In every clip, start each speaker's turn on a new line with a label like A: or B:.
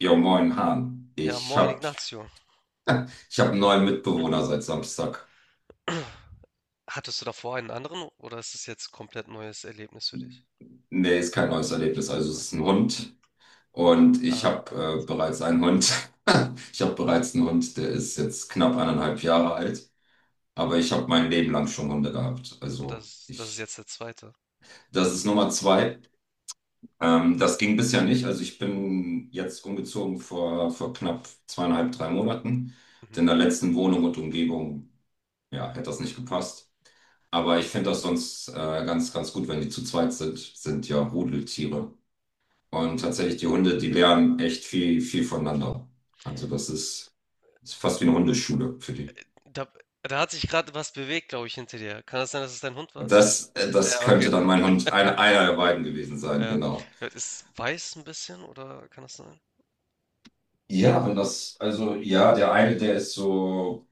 A: Jo, moin, Hahn.
B: Ja,
A: Ich
B: moin
A: hab,
B: Ignacio.
A: ich hab einen neuen Mitbewohner seit Samstag.
B: Hattest du davor einen anderen oder ist es jetzt komplett neues Erlebnis für dich?
A: Nee, ist kein neues Erlebnis. Also es ist ein
B: Okay.
A: Hund und ich
B: Ah,
A: hab bereits einen Hund. Ich hab bereits einen Hund, der ist jetzt knapp 1,5 Jahre alt. Aber ich hab mein Leben lang schon Hunde gehabt.
B: und
A: Also
B: das ist
A: ich,
B: jetzt der zweite.
A: das ist Nummer zwei. Das ging bisher nicht. Also ich bin jetzt umgezogen vor knapp 2,5, 3 Monaten. Und
B: Mhm.
A: in der letzten Wohnung und Umgebung, ja, hätte das nicht gepasst. Aber ich finde das sonst ganz, ganz gut, wenn die zu zweit sind, sind ja Rudeltiere. Und tatsächlich, die Hunde, die lernen echt viel, viel voneinander. Also das ist fast wie eine Hundeschule für die.
B: Da, da hat sich gerade was bewegt, glaube ich, hinter dir. Kann das sein, dass es dein Hund war?
A: Das
B: Ja, okay.
A: könnte dann mein Hund, einer der beiden gewesen sein,
B: Ja.
A: genau.
B: Ja, ist weiß ein bisschen oder kann das sein?
A: Ja, wenn das, also ja, der eine, der ist so.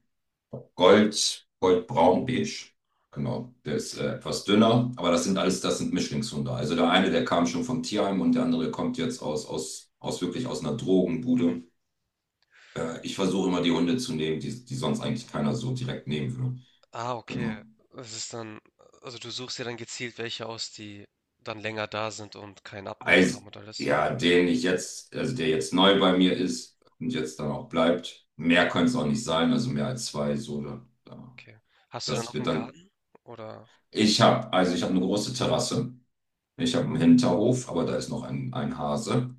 A: Gold, Goldbraun, beige. Genau, der ist etwas dünner, aber das sind alles, das sind Mischlingshunde. Also der eine, der kam schon vom Tierheim und der andere kommt jetzt aus wirklich aus einer
B: Mhm.
A: Drogenbude. Ich versuche immer die Hunde zu nehmen, die sonst eigentlich keiner so direkt nehmen würde.
B: Ah, okay.
A: Genau.
B: Es ist dann, also du suchst dir dann gezielt welche aus, die dann länger da sind und keinen Abnehmer
A: Also,
B: haben und alles.
A: ja, den ich jetzt, also der jetzt neu bei mir ist und jetzt dann auch bleibt, mehr können es auch nicht sein, also mehr als zwei, so,
B: Okay. Hast du dann
A: das
B: auch
A: wird
B: einen
A: dann.
B: Garten? Oder
A: Ich habe, also ich habe eine große Terrasse. Ich habe einen Hinterhof, aber da ist noch ein Hase.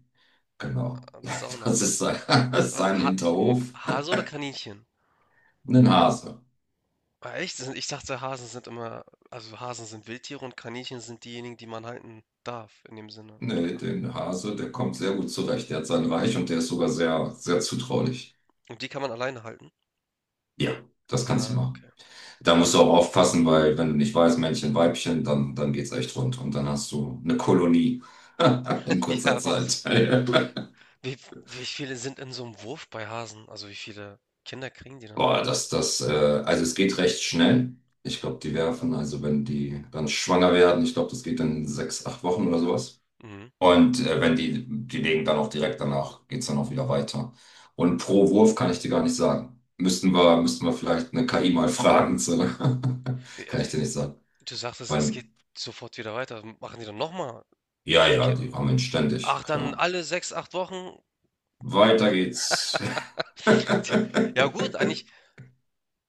A: Genau.
B: das auch noch?
A: Das ist sein, das ist sein Hinterhof.
B: Hase oder Kaninchen?
A: Ein Hase.
B: Ah, echt? Ich dachte, Hasen sind immer, also Hasen sind Wildtiere und Kaninchen sind diejenigen, die man halten darf in dem Sinne und
A: Nee,
B: kann.
A: den Hase, der kommt
B: Okay.
A: sehr gut zurecht. Der hat sein Reich und der ist sogar sehr, sehr zutraulich.
B: Und die kann man alleine halten?
A: Ja, das kannst du
B: Ja, okay.
A: machen. Da musst du auch aufpassen, weil wenn du nicht weißt, Männchen, Weibchen, dann geht's echt rund. Und dann hast du eine Kolonie in kurzer
B: Ja, ups.
A: Zeit.
B: wie, wie viele sind in so einem Wurf bei Hasen? Also wie viele Kinder kriegen die dann?
A: Boah, also es geht recht schnell. Ich glaube, die werfen, also wenn die dann schwanger werden, ich glaube, das geht dann 6, 8 Wochen oder sowas.
B: Mhm.
A: Und wenn die, die legen dann auch direkt danach, geht's dann auch wieder weiter. Und pro Wurf kann ich dir gar nicht sagen. Müssten wir vielleicht eine KI mal fragen. Zu.
B: Wie-
A: Kann
B: also
A: ich
B: wie-
A: dir nicht sagen.
B: Du sagtest, es
A: Weil,
B: geht sofort wieder weiter. Machen die dann nochmal?
A: ja, ja, die rammen ständig,
B: Ach, dann
A: klar.
B: alle sechs, acht Wochen?
A: Weiter geht's.
B: Tja, ja gut, eigentlich,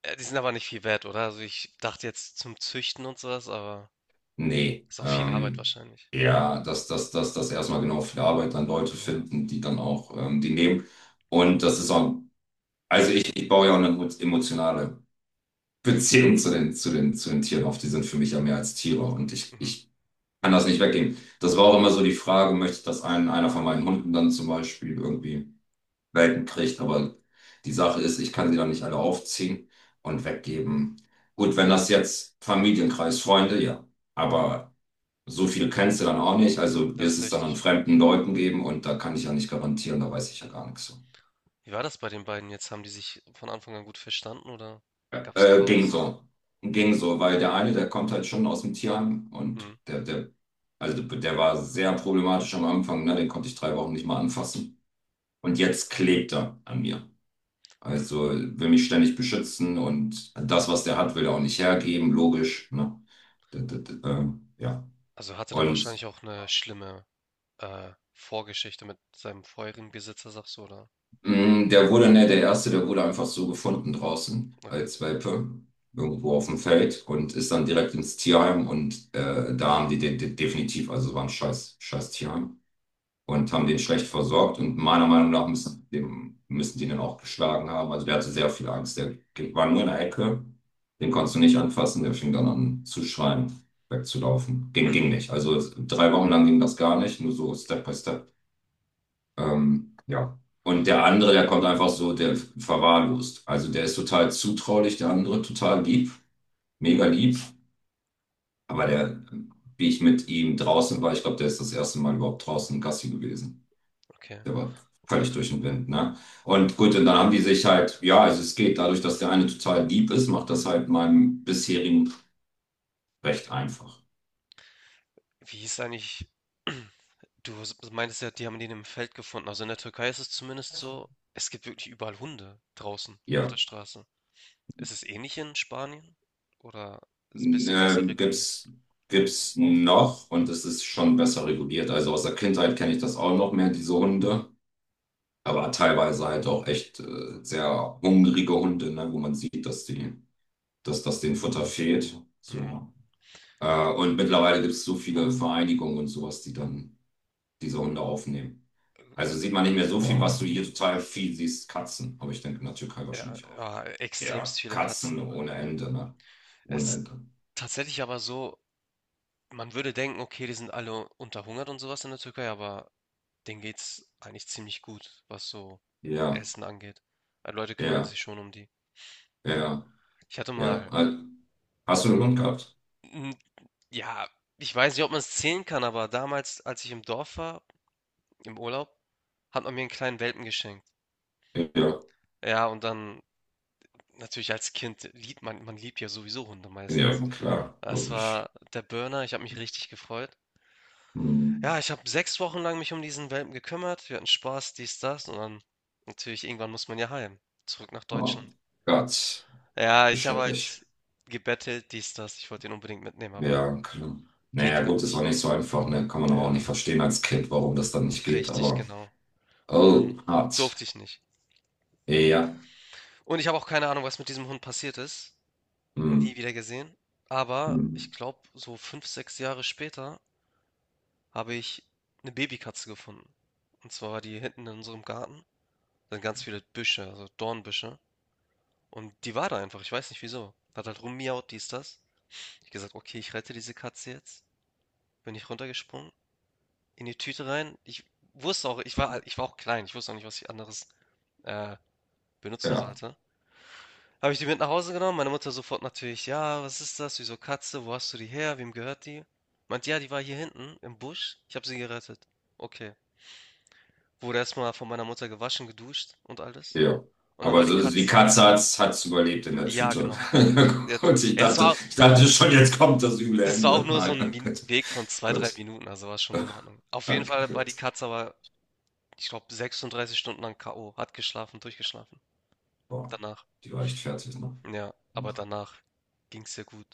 B: die sind aber nicht viel wert, oder? Also ich dachte jetzt zum Züchten und sowas, aber
A: Nee,
B: ist auch viel Arbeit wahrscheinlich.
A: ja, dass erstmal genau für die Arbeit dann Leute
B: Ja,
A: finden, die dann auch die nehmen. Und das ist auch, also ich baue ja auch eine emotionale Beziehung zu den Tieren auf. Die sind für mich ja mehr als Tiere und ich,
B: mhm.
A: ich kann das nicht weggeben. Das war auch immer so die Frage, möchte ich, dass einer von meinen Hunden dann zum Beispiel irgendwie Welpen kriegt, aber die Sache ist, ich kann sie dann nicht alle aufziehen und weggeben. Gut, wenn das jetzt Familienkreis, Freunde, ja. Aber so viel kennst du dann auch nicht, also
B: Das
A: wirst
B: ist
A: es dann an
B: richtig.
A: fremden Leuten geben und da kann ich ja nicht garantieren, da weiß ich ja gar nichts. Von.
B: Wie war das bei den beiden jetzt? Haben die sich von Anfang an gut verstanden oder
A: Ja,
B: gab's
A: Ging
B: Chaos?
A: so. Ging so, weil der eine, der kommt halt schon aus dem Tierheim
B: Mhm.
A: und also der war sehr problematisch am Anfang, ne? Den konnte ich 3 Wochen nicht mal anfassen. Und jetzt klebt er an mir. Also will mich ständig beschützen und das, was der hat, will er auch nicht hergeben, logisch, ne? Ja.
B: Also hatte dann
A: Und
B: wahrscheinlich auch eine schlimme Vorgeschichte mit seinem vorherigen Besitzer, sagst du, oder?
A: der wurde, ne, der erste, der wurde einfach so gefunden draußen
B: Okay,
A: als Welpe, irgendwo auf dem Feld und ist dann direkt ins Tierheim und da haben die den definitiv, also war ein scheiß, scheiß Tierheim und haben den schlecht versorgt und meiner Meinung nach müssen die den auch geschlagen haben. Also der hatte sehr viel Angst, der war nur in der Ecke, den konntest du nicht anfassen, der fing dann an zu schreien, wegzulaufen. Ging nicht. Also 3 Wochen lang ging das gar nicht, nur so Step by Step. Ja. Und der andere, der kommt einfach so, der verwahrlost. Also der ist total zutraulich, der andere total lieb, mega lieb. Aber der, wie ich mit ihm draußen war, ich glaube, der ist das erste Mal überhaupt draußen Gassi gewesen.
B: okay.
A: Der war völlig durch den Wind, ne? Und gut, und dann haben die sich halt, ja, also es geht dadurch, dass der eine total lieb ist, macht das halt meinem bisherigen recht einfach.
B: Wie hieß eigentlich, du meintest ja, die haben den im Feld gefunden. Also in der Türkei ist es zumindest so, es gibt wirklich überall Hunde draußen auf der
A: Ja.
B: Straße. Ist es ähnlich in Spanien oder ist es ein bisschen besser
A: Ähm,
B: reguliert?
A: gibt's gibt's noch und es ist schon besser reguliert. Also aus der Kindheit kenne ich das auch noch mehr, diese Hunde. Aber teilweise halt auch echt sehr hungrige Hunde, ne, wo man sieht, dass das denen Futter fehlt.
B: Mhm.
A: So. Und mittlerweile gibt es so viele Vereinigungen und sowas, die dann diese Hunde aufnehmen. Also sieht man nicht mehr so viel, was du hier total viel siehst, Katzen. Aber ich denke in der Türkei
B: Ja,
A: wahrscheinlich auch.
B: extremst
A: Ja,
B: viele
A: Katzen
B: Katzen.
A: ohne Ende, ne? Ohne
B: Ist
A: Ende.
B: tatsächlich aber so, man würde denken, okay, die sind alle unterhungert und sowas in der Türkei, aber denen geht's eigentlich ziemlich gut, was so
A: Ja,
B: Essen angeht. Also Leute kümmern
A: ja,
B: sich schon um die.
A: ja,
B: Ich hatte
A: ja.
B: mal,
A: Hast du einen Hund gehabt?
B: n- Ja, ich weiß nicht, ob man es zählen kann, aber damals, als ich im Dorf war, im Urlaub, hat man mir einen kleinen Welpen geschenkt.
A: Ja,
B: Ja, und dann natürlich als Kind liebt man, man liebt ja sowieso Hunde
A: ja,
B: meistens.
A: klar,
B: Das
A: logisch.
B: war der Burner, ich habe mich richtig gefreut.
A: Hm.
B: Ja, ich habe 6 Wochen lang mich um diesen Welpen gekümmert. Wir hatten Spaß, dies, das und dann natürlich irgendwann muss man ja heim, zurück nach Deutschland.
A: Oh Gott.
B: Ja,
A: Wie
B: ich habe
A: schrecklich.
B: halt gebettelt, dies, das. Ich wollte ihn unbedingt mitnehmen, aber
A: Ja, klar. Naja,
B: geht halt
A: gut, ist auch
B: nicht.
A: nicht so einfach, ne? Kann man aber auch nicht
B: Ja,
A: verstehen als Kind, warum das dann nicht geht,
B: richtig,
A: aber.
B: genau. Und dann
A: Oh, hart.
B: durfte ich nicht.
A: Ja.
B: Und ich habe auch keine Ahnung, was mit diesem Hund passiert ist.
A: Hm,
B: Nie wieder gesehen. Aber ich
A: hm,
B: glaube, so fünf, sechs Jahre später habe ich eine Babykatze gefunden. Und zwar war die hinten in unserem Garten. Da sind ganz viele Büsche, also Dornbüsche. Und die war da einfach, ich weiß nicht wieso. Hat halt rummiaut, dies, das. Ich gesagt, okay, ich rette diese Katze jetzt. Bin ich runtergesprungen, in die Tüte rein. Ich wusste auch, ich war, halt, ich war auch klein, ich wusste auch nicht, was ich anderes äh, benutzen
A: ja,
B: sollte. Habe ich die mit nach Hause genommen, meine Mutter sofort natürlich, ja, was ist das, wieso Katze, wo hast du die her, wem gehört die? Meint, ja, die war hier hinten im Busch, ich habe sie gerettet. Okay. Wurde erstmal von meiner Mutter gewaschen, geduscht und alles.
A: ja.
B: Und dann
A: Aber
B: war die
A: so, die
B: Katze,
A: Katze hat's überlebt in der
B: ja,
A: Tüte.
B: genau. Sie hat,
A: Und ich
B: ja, es
A: dachte,
B: war,
A: ich dachte schon, jetzt kommt das üble
B: das war auch
A: Ende.
B: nur so ein
A: Nein,
B: Min
A: gut.
B: Weg von zwei 3
A: Gut.
B: Minuten, also war schon in Ordnung. Auf jeden
A: Okay,
B: Fall war die
A: gut.
B: Katze aber, ich glaube, 36 Stunden lang K.O., hat geschlafen, durchgeschlafen
A: Boah,
B: danach.
A: die war echt fertig, ne?
B: Ja, aber danach ging es ihr gut.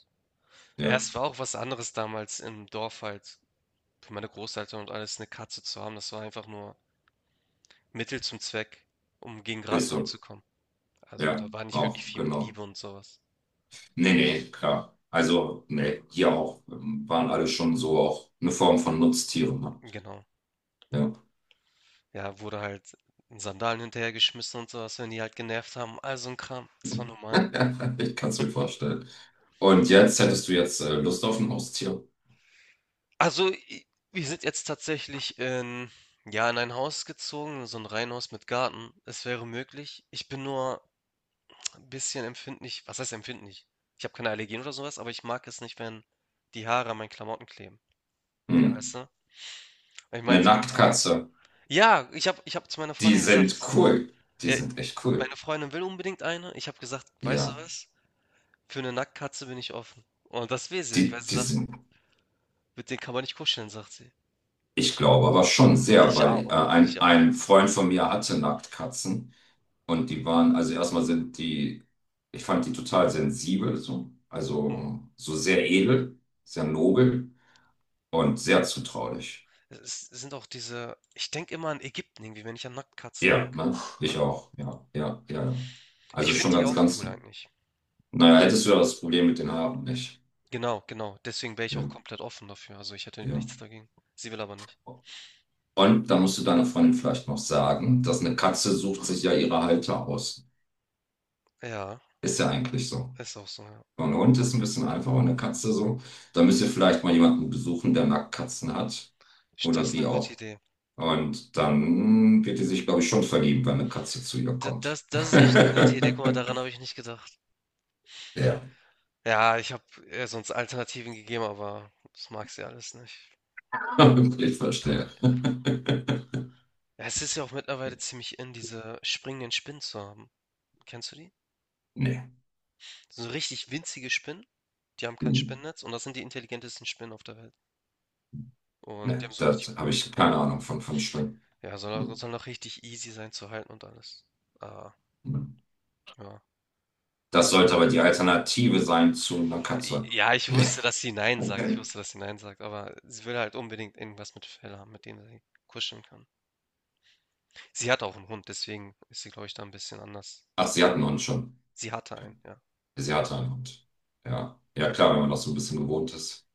B: Ja,
A: Ja,
B: es war auch was anderes damals im Dorf halt für meine Großeltern und alles eine Katze zu haben. Das war einfach nur Mittel zum Zweck, um gegen
A: ist
B: Ratten
A: so.
B: anzukommen. Also,
A: Ja,
B: da war nicht wirklich
A: auch,
B: viel mit
A: genau.
B: Liebe und sowas.
A: Nee, nee, klar. Also, nee, hier auch. Waren alle schon so auch eine Form von Nutztieren. Ne?
B: Genau.
A: Ja,
B: Ja, wurde halt in Sandalen hinterhergeschmissen und sowas, wenn die halt genervt haben, all so ein Kram. Das war normal.
A: ich kann es mir vorstellen. Und jetzt hättest du jetzt Lust auf ein Haustier?
B: Also, i wir sind jetzt tatsächlich in ja, in ein Haus gezogen, so ein Reihenhaus mit Garten. Es wäre möglich. Ich bin nur ein bisschen empfindlich, was heißt empfindlich? Ich habe keine Allergien oder sowas, aber ich mag es nicht, wenn die Haare an meinen Klamotten kleben.
A: Hm.
B: Ja, weißt du? Ich
A: Eine
B: meinte dann,
A: Nacktkatze.
B: ja, ich habe zu meiner
A: Die
B: Freundin
A: sind
B: gesagt,
A: cool. Die
B: äh,
A: sind echt cool.
B: meine Freundin will unbedingt eine. Ich habe gesagt: „Weißt du
A: Ja,
B: was? Für eine Nacktkatze bin ich offen.“ Und das will sie nicht, weil
A: die,
B: sie
A: die
B: sagt:
A: sind,
B: „Mit denen kann man nicht kuscheln“, sagt sie.
A: ich glaube, aber schon sehr,
B: Ich
A: weil
B: auch,
A: äh,
B: ich
A: ein,
B: auch.
A: ein Freund von mir hatte Nacktkatzen. Und die waren, also erstmal sind die, ich fand die total sensibel, so.
B: Mhm.
A: Also so sehr edel, sehr nobel. Und sehr zutraulich.
B: Es sind auch diese, ich denke immer an Ägypten irgendwie, wenn ich an Nacktkatzen
A: Ja,
B: denke,
A: ne? Ich
B: ne?
A: auch. Ja, ja, ja. Ja.
B: Ich
A: Also
B: finde
A: schon
B: die
A: ganz,
B: auch
A: ganz.
B: cool eigentlich.
A: Naja, hättest du ja das Problem mit den Haaren nicht.
B: Genau, genau. Deswegen wäre ich auch
A: Ja,
B: komplett offen dafür. Also, ich hätte
A: ja.
B: nichts dagegen. Sie will aber nicht.
A: Und da musst du deiner Freundin vielleicht noch sagen, dass eine Katze sucht sich ja ihre Halter aus.
B: Ja,
A: Ist ja eigentlich so.
B: ist auch so, ja.
A: Und ein Hund ist ein bisschen einfacher, eine Katze so. Da müsst ihr vielleicht mal jemanden besuchen, der Nacktkatzen hat. Oder
B: Das ist
A: die
B: eine gute
A: auch.
B: Idee.
A: Und dann wird die sich, glaube ich, schon verlieben, wenn eine Katze zu ihr
B: D
A: kommt.
B: das das ist echt eine gute Idee. Guck mal, daran habe ich nicht gedacht.
A: Ja.
B: Ja, ich habe ihr sonst Alternativen gegeben, aber das mag sie alles nicht.
A: Hybrid verstehe.
B: Ja, es ist ja auch mittlerweile ziemlich in, diese springenden Spinnen zu haben. Kennst du die?
A: Nee.
B: So richtig winzige Spinnen, die haben kein
A: Hm.
B: Spinnennetz und das sind die intelligentesten Spinnen auf der Welt. Und die
A: Nee,
B: haben so
A: da
B: richtig,
A: habe ich keine Ahnung von Spinnen.
B: ja, soll auch,
A: Hm.
B: soll auch richtig easy sein zu halten und alles. Ah,
A: Hm.
B: ja.
A: Das
B: Haben
A: sollte
B: sie,
A: aber die Alternative sein zu einer Katze.
B: ja, ich wusste, dass sie Nein sagt. Ich wusste, dass sie Nein sagt, aber sie will halt unbedingt irgendwas mit Fell haben, mit dem sie kuscheln kann. Sie hat auch einen Hund, deswegen ist sie, glaube ich, da ein bisschen anders.
A: Ach, sie hatten uns schon.
B: Sie hatte einen, ja.
A: Sie hatte einen Hund. Ja. Ja, klar, wenn man das so ein bisschen gewohnt ist.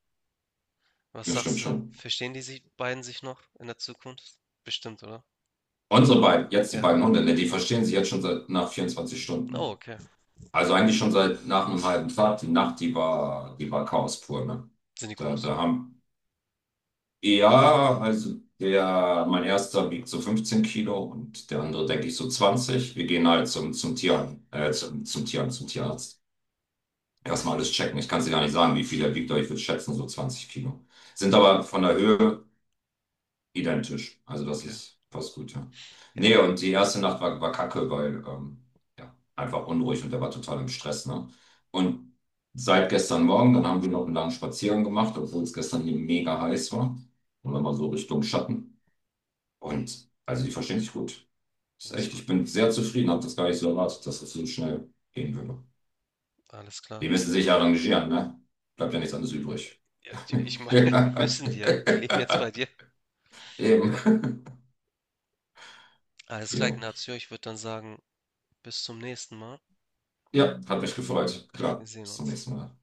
B: Was
A: Das
B: sagst
A: stimmt
B: du?
A: schon.
B: Verstehen die sich, beiden sich noch in der Zukunft? Bestimmt, oder?
A: Unsere beiden, jetzt die
B: Ja,
A: beiden Hunde, ne, die
B: genau.
A: verstehen sich jetzt schon seit nach vierundzwanzig
B: Oh,
A: Stunden.
B: okay.
A: Also eigentlich schon seit nach einem halben Tag. Die Nacht, die war Chaos pur, ne?
B: Sind die
A: Da,
B: groß?
A: da haben, Ja, also der, mein erster wiegt so 15 Kilo und der andere, denke ich, so 20. Wir gehen halt zum Tierarzt. Erstmal alles checken. Ich kann es dir gar nicht sagen, wie viel er wiegt, aber ich würde schätzen, so 20 Kilo. Sind aber von der Höhe identisch. Also das
B: Okay.
A: ist fast gut, ja.
B: Ja,
A: Nee, und die erste Nacht war kacke, weil ja, einfach unruhig und der war total im Stress, ne? Und seit gestern Morgen, dann haben wir noch einen langen Spaziergang gemacht, obwohl es gestern hier mega heiß war. Und dann mal so Richtung Schatten. Und also die verstehen sich gut. Das ist
B: das ist
A: echt, ich
B: gut.
A: bin sehr zufrieden, habe das gar nicht so erwartet, dass das so schnell gehen würde.
B: Alles klar.
A: Die müssen sich ja arrangieren, ne? Bleibt ja nichts anderes übrig.
B: Ja, ich meine,
A: Ja.
B: müssen die ja. Die leben jetzt bei dir.
A: Eben.
B: Alles klar,
A: Jo.
B: Ignacio. Ich würde dann sagen, bis zum nächsten Mal.
A: Ja, hat mich gefreut.
B: Wir
A: Klar.
B: sehen
A: Bis zum
B: uns.
A: nächsten Mal.